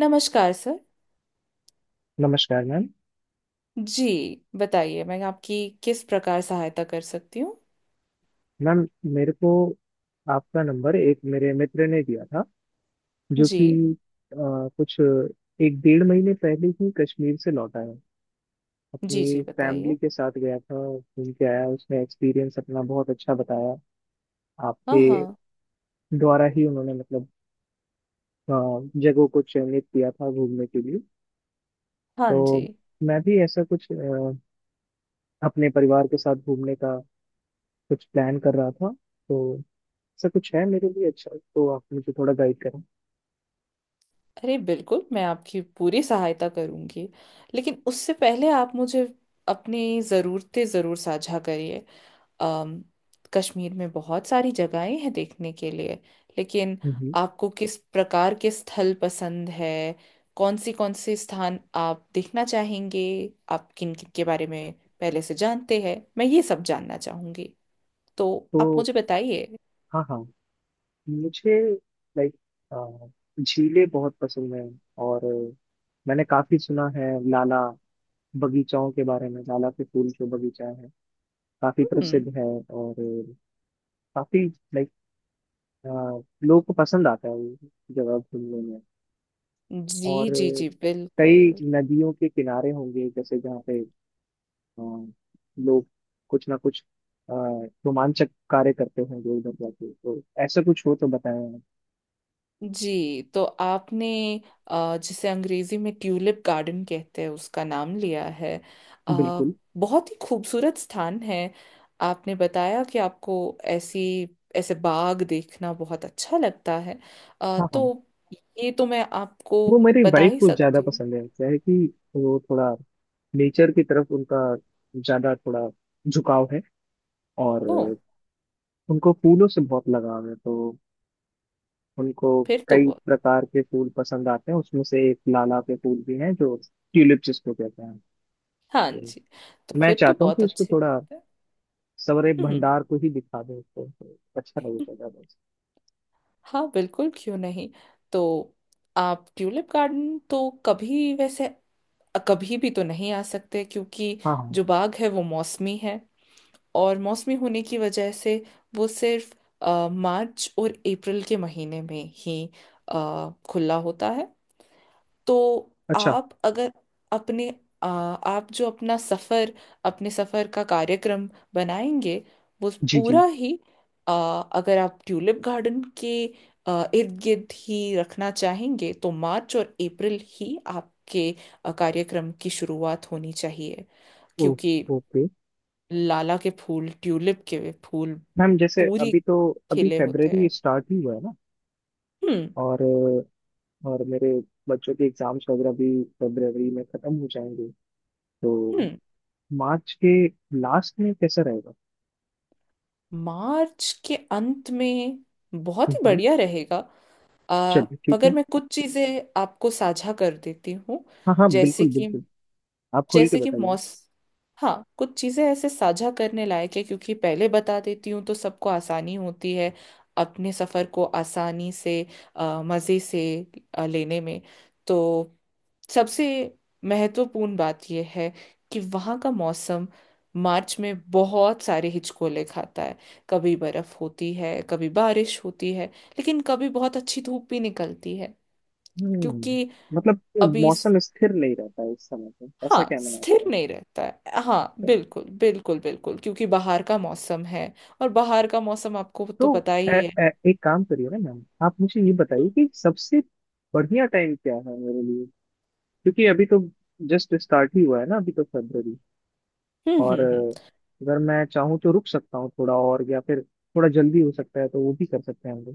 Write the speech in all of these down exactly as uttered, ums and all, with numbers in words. नमस्कार सर। नमस्कार मैम। जी, बताइए, मैं आपकी किस प्रकार सहायता कर सकती हूँ। मैम मेरे को आपका नंबर एक मेरे मित्र ने दिया था जो कि जी अ, कुछ एक डेढ़ महीने पहले ही कश्मीर से लौटा है। जी अपनी जी, बताइए। फैमिली के साथ गया था, घूम के आया, उसने एक्सपीरियंस अपना बहुत अच्छा बताया। हाँ आपके हाँ। द्वारा ही उन्होंने मतलब अ, जगहों को चयनित किया था घूमने के लिए। हाँ तो जी। मैं भी ऐसा कुछ अ, अपने परिवार के साथ घूमने का कुछ प्लान कर रहा था। तो ऐसा कुछ है मेरे लिए अच्छा तो आप मुझे थोड़ा गाइड करें। अरे बिल्कुल, मैं आपकी पूरी सहायता करूँगी, लेकिन उससे पहले आप मुझे अपनी ज़रूरतें ज़रूर साझा करिए। अम, कश्मीर में बहुत सारी जगहें हैं देखने के लिए, लेकिन हम्म। आपको किस प्रकार के स्थल पसंद है? कौन सी, कौन से स्थान आप देखना चाहेंगे? आप किन किन के बारे में पहले से जानते हैं, मैं ये सब जानना चाहूंगी। तो आप तो मुझे बताइए। हाँ हाँ, मुझे लाइक झीलें बहुत पसंद हैं। और अ, मैंने काफी सुना है लाला बगीचाओं के बारे में, लाला के फूल जो बगीचा है काफी हम्म। प्रसिद्ध है। और अ, काफी लाइक लोगों को पसंद आता है ये जगह घूमने में। जी और जी अ, जी बिल्कुल। कई नदियों के किनारे होंगे जैसे, जहाँ पे अ, लोग कुछ ना कुछ अ, रोमांचक कार्य करते होंगे उधर जाके, तो ऐसा कुछ हो तो बताएं आप। जी, तो आपने अ, जिसे अंग्रेजी में ट्यूलिप गार्डन कहते हैं उसका नाम लिया है। अ, बिल्कुल। बहुत ही खूबसूरत स्थान है। आपने बताया कि आपको ऐसी ऐसे बाग देखना बहुत अच्छा लगता है। अ, हाँ हाँ, तो ये तो मैं आपको वो मेरी बता वाइफ ही को ज्यादा सकती हूँ। पसंद है। क्या है कि वो थोड़ा नेचर की तरफ उनका ज्यादा थोड़ा झुकाव है। और ओ। उनको फूलों से बहुत लगाव है, तो उनको फिर तो कई बहुत। प्रकार के फूल पसंद आते हैं, उसमें से एक लाला के फूल भी हैं जो ट्यूलिप जिसको कहते हैं। हाँ जी। तो तो मैं फिर तो चाहता हूँ बहुत कि उसको अच्छी थोड़ा बात है। सवरे हम्म। भंडार को ही दिखा दें, उसको तो अच्छा लगेगा ज्यादा से। हाँ बिल्कुल, क्यों नहीं। तो आप ट्यूलिप गार्डन तो कभी वैसे, कभी भी तो नहीं आ सकते, क्योंकि हाँ हाँ। जो बाग है वो मौसमी है। और मौसमी होने की वजह से वो सिर्फ अ, मार्च और अप्रैल के महीने में ही अ, खुला होता है। तो अच्छा। आप अगर अपने आ, आप जो अपना सफर, अपने सफर का कार्यक्रम बनाएंगे, वो जी जी। पूरा ही आ, अगर आप ट्यूलिप गार्डन के इर्द गिर्द ही रखना चाहेंगे, तो मार्च और अप्रैल ही आपके आ, कार्यक्रम की शुरुआत होनी चाहिए, ओ, क्योंकि ओके लाला के फूल, ट्यूलिप के फूल मैम। जैसे पूरी अभी तो अभी खिले होते फेब्रवरी हैं। स्टार्ट ही हुआ है ना। हम्म। और और मेरे बच्चों के एग्जाम्स वगैरह भी फरवरी में खत्म हो जाएंगे। तो हम्म। मार्च के लास्ट में कैसा रहेगा? मार्च के अंत में बहुत ही हम्म, बढ़िया रहेगा। आ, चलिए ठीक है। मगर मैं कुछ चीजें आपको साझा कर देती हूँ। हाँ हाँ जैसे बिल्कुल कि बिल्कुल, आप खोल के जैसे कि बताइए। मौस हाँ, कुछ चीजें ऐसे साझा करने लायक है, क्योंकि पहले बता देती हूँ तो सबको आसानी होती है अपने सफर को आसानी से आ, मजे से आ, लेने में। तो सबसे महत्वपूर्ण बात यह है कि वहाँ का मौसम मार्च में बहुत सारे हिचकोले खाता है। कभी बर्फ होती है, कभी बारिश होती है, लेकिन कभी बहुत अच्छी धूप भी निकलती है। क्योंकि हम्म। मतलब ये अभी स- मौसम स्थिर नहीं रहता है इस समय पे, ऐसा हाँ, कहना है स्थिर आपका? नहीं रहता है, हाँ बिल्कुल बिल्कुल बिल्कुल, क्योंकि बाहर का मौसम है। और बाहर का मौसम आपको तो तो पता ए, ही है। ए, एक काम करिए ना मैम, आप मुझे ये हम्म। बताइए कि सबसे बढ़िया टाइम क्या है मेरे लिए? क्योंकि अभी तो जस्ट स्टार्ट ही हुआ है ना अभी तो फरवरी। हम्म। हम्म। और हम्म, अ, अगर मैं चाहूँ तो रुक सकता हूँ थोड़ा और, या फिर थोड़ा जल्दी हो सकता है तो वो भी कर सकते हैं हम लोग।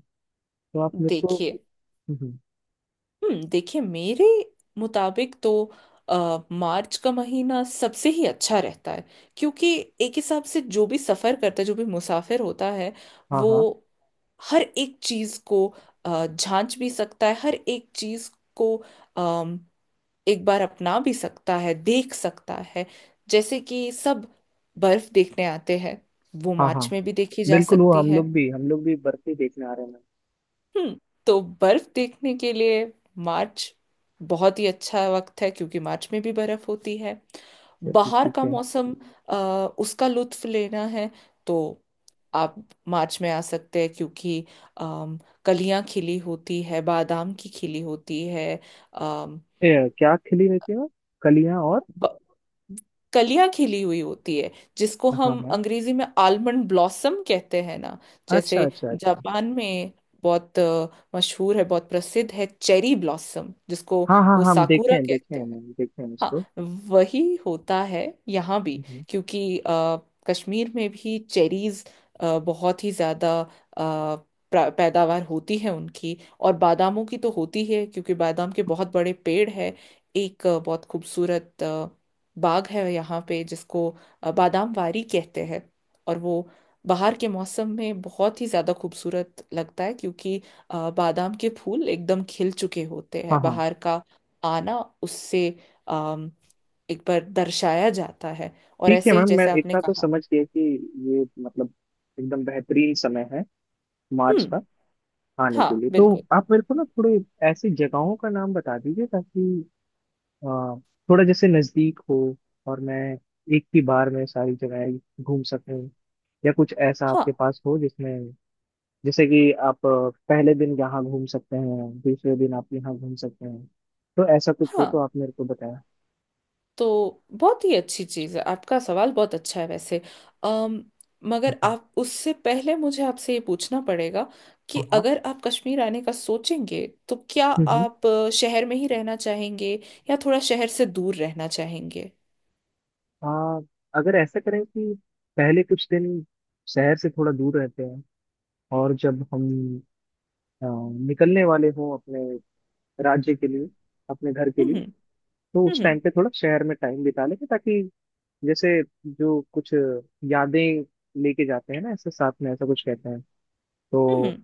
तो आप मेरे को देखिए। हम्म, हम्म, हम्म, देखिए, मेरे मुताबिक तो आ, मार्च का महीना सबसे ही अच्छा रहता है, क्योंकि एक हिसाब से जो भी सफ़र करता है, जो भी मुसाफिर होता है, हाँ वो हाँ हर एक चीज़ को अ, झांच भी सकता है। हर एक चीज़ को अम, एक बार अपना भी सकता है, देख सकता है। जैसे कि सब बर्फ़ देखने आते हैं, वो हाँ मार्च हाँ में भी देखी जा बिल्कुल, वो सकती हम है। लोग भी हम लोग भी बर्फी देखने आ रहे हैं। हम्म। तो बर्फ देखने के लिए मार्च बहुत ही अच्छा वक्त है, क्योंकि मार्च में भी बर्फ होती है। अच्छा, ठीक बाहर ठीक का है। मौसम, अ, उसका लुत्फ लेना है तो आप मार्च में आ सकते हैं, क्योंकि अम, कलियां खिली होती है, बादाम की खिली होती है। ए, क्या खिली रहती है वो? कलियां और? ब- कलियां खिली हुई होती है, जिसको हाँ हम हाँ। अंग्रेजी में आलमंड ब्लॉसम कहते हैं ना। अच्छा जैसे अच्छा अच्छा। जापान में बहुत अ, मशहूर है, बहुत प्रसिद्ध है चेरी ब्लॉसम, जिसको हाँ हाँ वो हाँ, हम देखे साकुरा हैं, देखे कहते हैं हैं। मैम, देखे हैं इसको। हाँ, वही होता है यहाँ भी, हम्म। क्योंकि अ, कश्मीर में भी चेरीज बहुत ही ज़्यादा अ, प्रा- पैदावार होती है उनकी, और बादामों की तो होती है, क्योंकि बादाम के बहुत बड़े पेड़ है। एक अ, बहुत खूबसूरत अ, बाग है यहाँ पे, जिसको अ, बादाम वारी कहते हैं। और वो बाहर के मौसम में बहुत ही ज़्यादा खूबसूरत लगता है, क्योंकि अ, बादाम के फूल एकदम खिल चुके होते हाँ हैं। हाँ, बाहर का आना उससे अम, एक बार दर्शाया जाता है। और ठीक है ऐसे ही मैम, मैं जैसे आपने इतना तो कहा। समझ गया कि ये मतलब एकदम बेहतरीन समय है मार्च हम्म। का खाने हाँ के लिए। तो बिल्कुल। आप मेरे को ना थोड़े ऐसी जगहों का नाम बता दीजिए ताकि अ, थोड़ा जैसे नजदीक हो और मैं एक ही बार में सारी जगह घूम सकूं। या कुछ ऐसा हाँ आपके पास हो जिसमें जैसे कि आप अ, पहले दिन यहाँ घूम सकते हैं, दूसरे दिन आप यहाँ घूम सकते हैं, तो ऐसा कुछ हो हाँ। तो आप मेरे को बताया। तो बहुत ही अच्छी चीज़ है, आपका सवाल बहुत अच्छा है वैसे। अम मगर हम्म। आप, उससे पहले मुझे आपसे ये पूछना पड़ेगा कि हाँ हाँ। अगर आप कश्मीर आने का सोचेंगे तो क्या हम्म हम्म। आप अ, शहर में ही रहना चाहेंगे, या थोड़ा शहर से दूर रहना चाहेंगे? आ, अगर ऐसा करें कि पहले कुछ दिन शहर से थोड़ा दूर रहते हैं, और जब हम अ, निकलने वाले हों अपने राज्य के लिए, अपने घर के हम्म। लिए, हम्म। तो उस टाइम हम्म। पे थोड़ा शहर में टाइम बिता लेंगे, ताकि जैसे जो कुछ यादें लेके जाते हैं ना ऐसे साथ में, ऐसा कुछ कहते हैं। तो हम्म,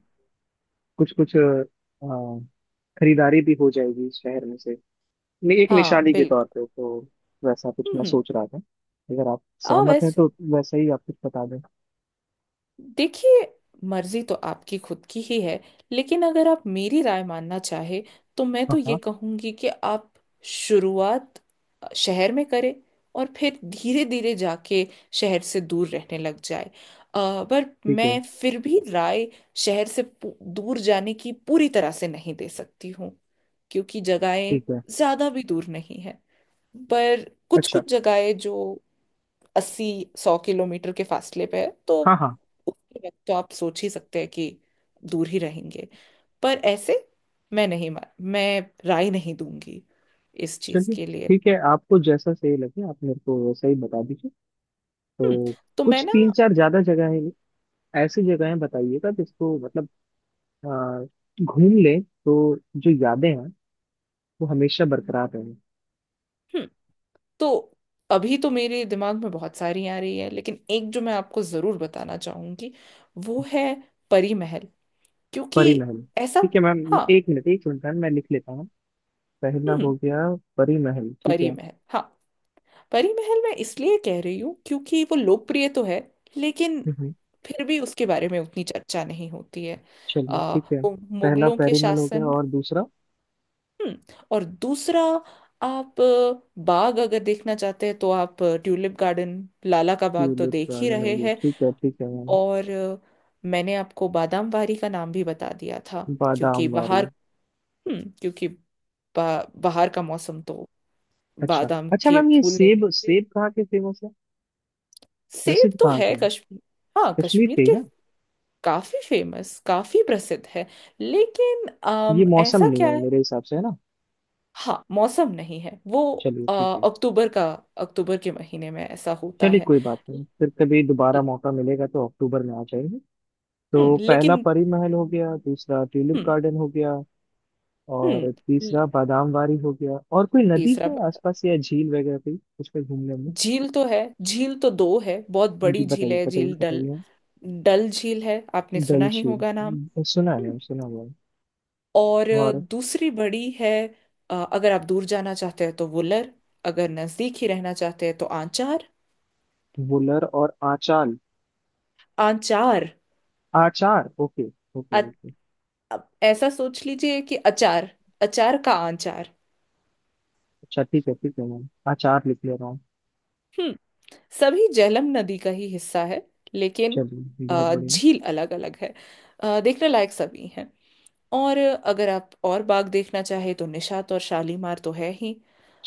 कुछ कुछ खरीदारी भी हो जाएगी इस शहर में से, नहीं, एक हाँ निशानी के तौर बिल्कुल। पे तो वैसा कुछ मैं हम्म। सोच रहा था। अगर आप आ सहमत हैं वैसे तो वैसा ही आप कुछ बता दें। देखिए, मर्जी तो आपकी खुद की ही है, लेकिन अगर आप मेरी राय मानना चाहे तो मैं हाँ तो ये हाँ, कहूंगी कि आप शुरुआत शहर में करें, और फिर धीरे धीरे जाके शहर से दूर रहने लग जाए। अ, पर ठीक है मैं फिर भी राय शहर से पू- दूर जाने की पूरी तरह से नहीं दे सकती हूँ, क्योंकि जगहें ठीक है। ज्यादा भी दूर नहीं है। पर कुछ अच्छा। कुछ जगहें जो अस्सी सौ किलोमीटर के फासले पे है, तो हाँ हाँ, उसके वक्त तो आप सोच ही सकते हैं कि दूर ही रहेंगे। पर ऐसे मैं नहीं मा- मैं राय नहीं दूंगी इस चीज चलिए के लिए। ठीक है, आपको जैसा सही लगे आप मेरे को वैसा ही बता दीजिए। हम्म। तो तो मैं कुछ ना। तीन चार ज्यादा जगह है ऐसी जगहें बताइएगा जिसको मतलब अ, घूम लें तो जो यादें हैं वो हमेशा बरकरार रहें। हम्म। तो अभी तो मेरे दिमाग में बहुत सारी आ रही है, लेकिन एक जो मैं आपको जरूर बताना चाहूंगी वो है परी महल, क्योंकि परी महल? ऐसा। ठीक है मैम, मैं- हाँ। एक मिनट, एक मिनट मैम, मैं लिख लेता हूँ। पहला हो हम्म। गया परी महल, ठीक परी है। महल, हाँ। परी महल मैं इसलिए कह रही हूँ क्योंकि वो लोकप्रिय तो है, लेकिन हम्म, फिर भी उसके बारे में उतनी चर्चा नहीं होती है। चलिए आ, ठीक है। वो पहला मुगलों के परी महल हो गया शासन। और दूसरा हम्म, और दूसरा, आप अ, बाग अगर देखना चाहते हैं तो आप अ, ट्यूलिप गार्डन, लाला का बाग तो ट्यूलिप देख ही गार्डन हो रहे गया, हैं। ठीक है ठीक है मैम। और अ, मैंने आपको बादाम वारी का नाम भी बता दिया था, क्योंकि बादाम वारी। बाहर। हम्म, क्योंकि बा, बाहर का मौसम तो अच्छा। बादाम अच्छा के मैम, ये फूल नहीं सेब, देते। सेब कहाँ के फेमस है? सेब प्रसिद्ध तो कहाँ के है हैं? कश्मीर। हाँ, कश्मीर कश्मीर के ही के। ना? काफी फेमस, काफी प्रसिद्ध है, लेकिन अम, ये मौसम ऐसा नहीं क्या है है। मेरे हिसाब से, है ना? हाँ, मौसम नहीं है वो। चलिए अ, ठीक है। अक्टूबर का, अक्टूबर के महीने में ऐसा होता चलिए है। कोई बात नहीं, फिर कभी दोबारा मौका मिलेगा तो अक्टूबर में आ जाएंगे। हम्म, तो पहला लेकिन। परी महल हो गया, दूसरा ट्यूलिप हम्म। गार्डन हो गया, हम्म। और तीसरा बादाम वारी हो गया। और कोई नदी तीसरा है बता- आसपास या झील वगैरह कोई उस पर घूमने में? झील तो है, झील तो दो है, बहुत जी बड़ी झील बताइए है, बताइए झील डल। बताइए। डल झील है, आपने डल सुना ही झील। होगा नाम। हम्म, सुना हम्म, है, सुना हुआ है। और और? दूसरी बड़ी है, अ, अगर आप दूर जाना चाहते हैं तो वुलर, अगर नजदीक ही रहना चाहते हैं तो आंचार। वुलर और आचार। आंचार। आचार, ओके, अ- ओके ओके। अब ऐसा सोच लीजिए कि अचार, अचार का आंचार। अच्छा ठीक है ठीक है मैम, आचार लिख ले रहा हूँ। हम्म। सभी झेलम नदी का ही हिस्सा है, लेकिन चलिए बहुत अ, बढ़िया। झील अलग अलग है। अ, देखने लायक सभी हैं। और अगर आप और बाग देखना चाहे तो निशात और शालीमार तो है ही।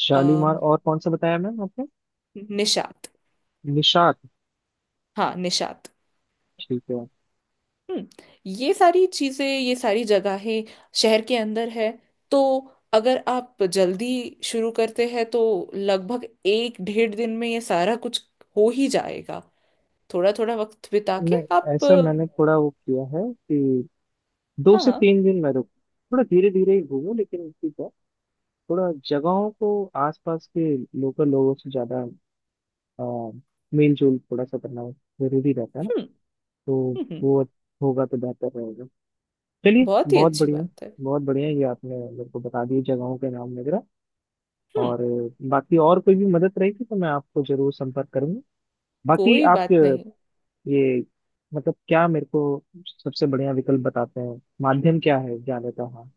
शालीमार, अम, और कौन सा बताया मैम आपने? निशात। निशात, हाँ, निशात। ठीक है। हम्म, ये सारी चीजें, ये सारी जगहें शहर के अंदर है। तो अगर आप जल्दी शुरू करते हैं तो लगभग एक डेढ़ दिन में ये सारा कुछ हो ही जाएगा। थोड़ा थोड़ा वक्त बिता के नहीं आप ऐसा मैंने अ, थोड़ा वो किया है कि दो हाँ से हाँ। तीन दिन मैं रुक, थोड़ा धीरे धीरे ही घूमूं, लेकिन ठीक है। थोड़ा जगहों को आसपास के लोकल लोगों से ज्यादा आ, मेल जोल थोड़ा सा करना जरूरी रहता है ना। हम्म। तो हम्म। हम्म, वो होगा तो बेहतर रहेगा। चलिए बहुत ही बहुत अच्छी बढ़िया। बात है। बहुत बढ़िया, ये आपने मेरे को बता दिए जगहों के नाम वगैरह। हम्म, और अ, बाकी और कोई भी मदद रहेगी तो मैं आपको जरूर संपर्क करूंगा। बाकी कोई आप बात नहीं। ये मतलब क्या मेरे को सबसे बढ़िया विकल्प बताते हैं, माध्यम क्या है जाने का? हाँ,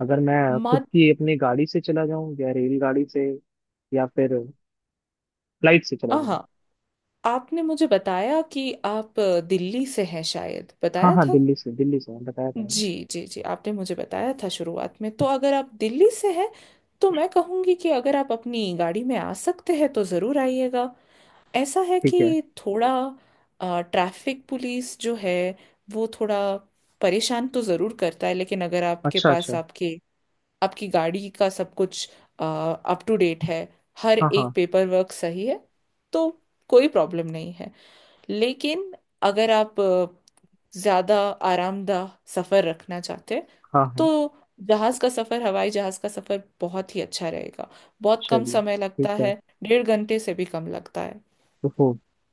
अगर मैं खुद मत। की अपनी गाड़ी से चला जाऊं, या रेलगाड़ी से, या फिर फ्लाइट से चला हाँ जाऊं? हाँ, आपने मुझे बताया कि आप अ, दिल्ली से हैं, शायद हाँ बताया हाँ, था। दिल्ली से, दिल्ली से बताया था मैंने। जी जी जी, आपने मुझे बताया था शुरुआत में। तो अगर आप दिल्ली से हैं तो मैं कहूँगी कि अगर आप अपनी गाड़ी में आ सकते हैं तो ज़रूर आइएगा। ऐसा है ठीक है। कि थोड़ा ट्रैफिक पुलिस जो है, वो थोड़ा परेशान तो ज़रूर करता है, लेकिन अगर आपके अच्छा पास, अच्छा। आपके, आपकी गाड़ी का सब कुछ अप टू डेट है, हर हाँ हाँ। एक पेपर वर्क सही है, तो कोई प्रॉब्लम नहीं है। लेकिन अगर आप अ, ज़्यादा आरामदाह सफ़र रखना चाहते हैं हाँ तो हाँ। जहाज का सफर, हवाई जहाज का सफर बहुत ही अच्छा रहेगा। बहुत कम चलिए समय ठीक लगता है। है, डेढ़ घंटे से भी कम लगता है। ओहो,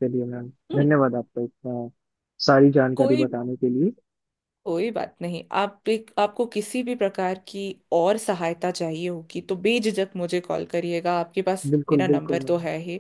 चलिए मैम, हम्म। धन्यवाद आपका, इतना सारी जानकारी कोई बताने के लिए। कोई बात नहीं। आप, एक आपको किसी भी प्रकार की और सहायता चाहिए होगी तो बेझिझक मुझे कॉल करिएगा, आपके पास बिल्कुल मेरा बिल्कुल नंबर मैम। तो है ही।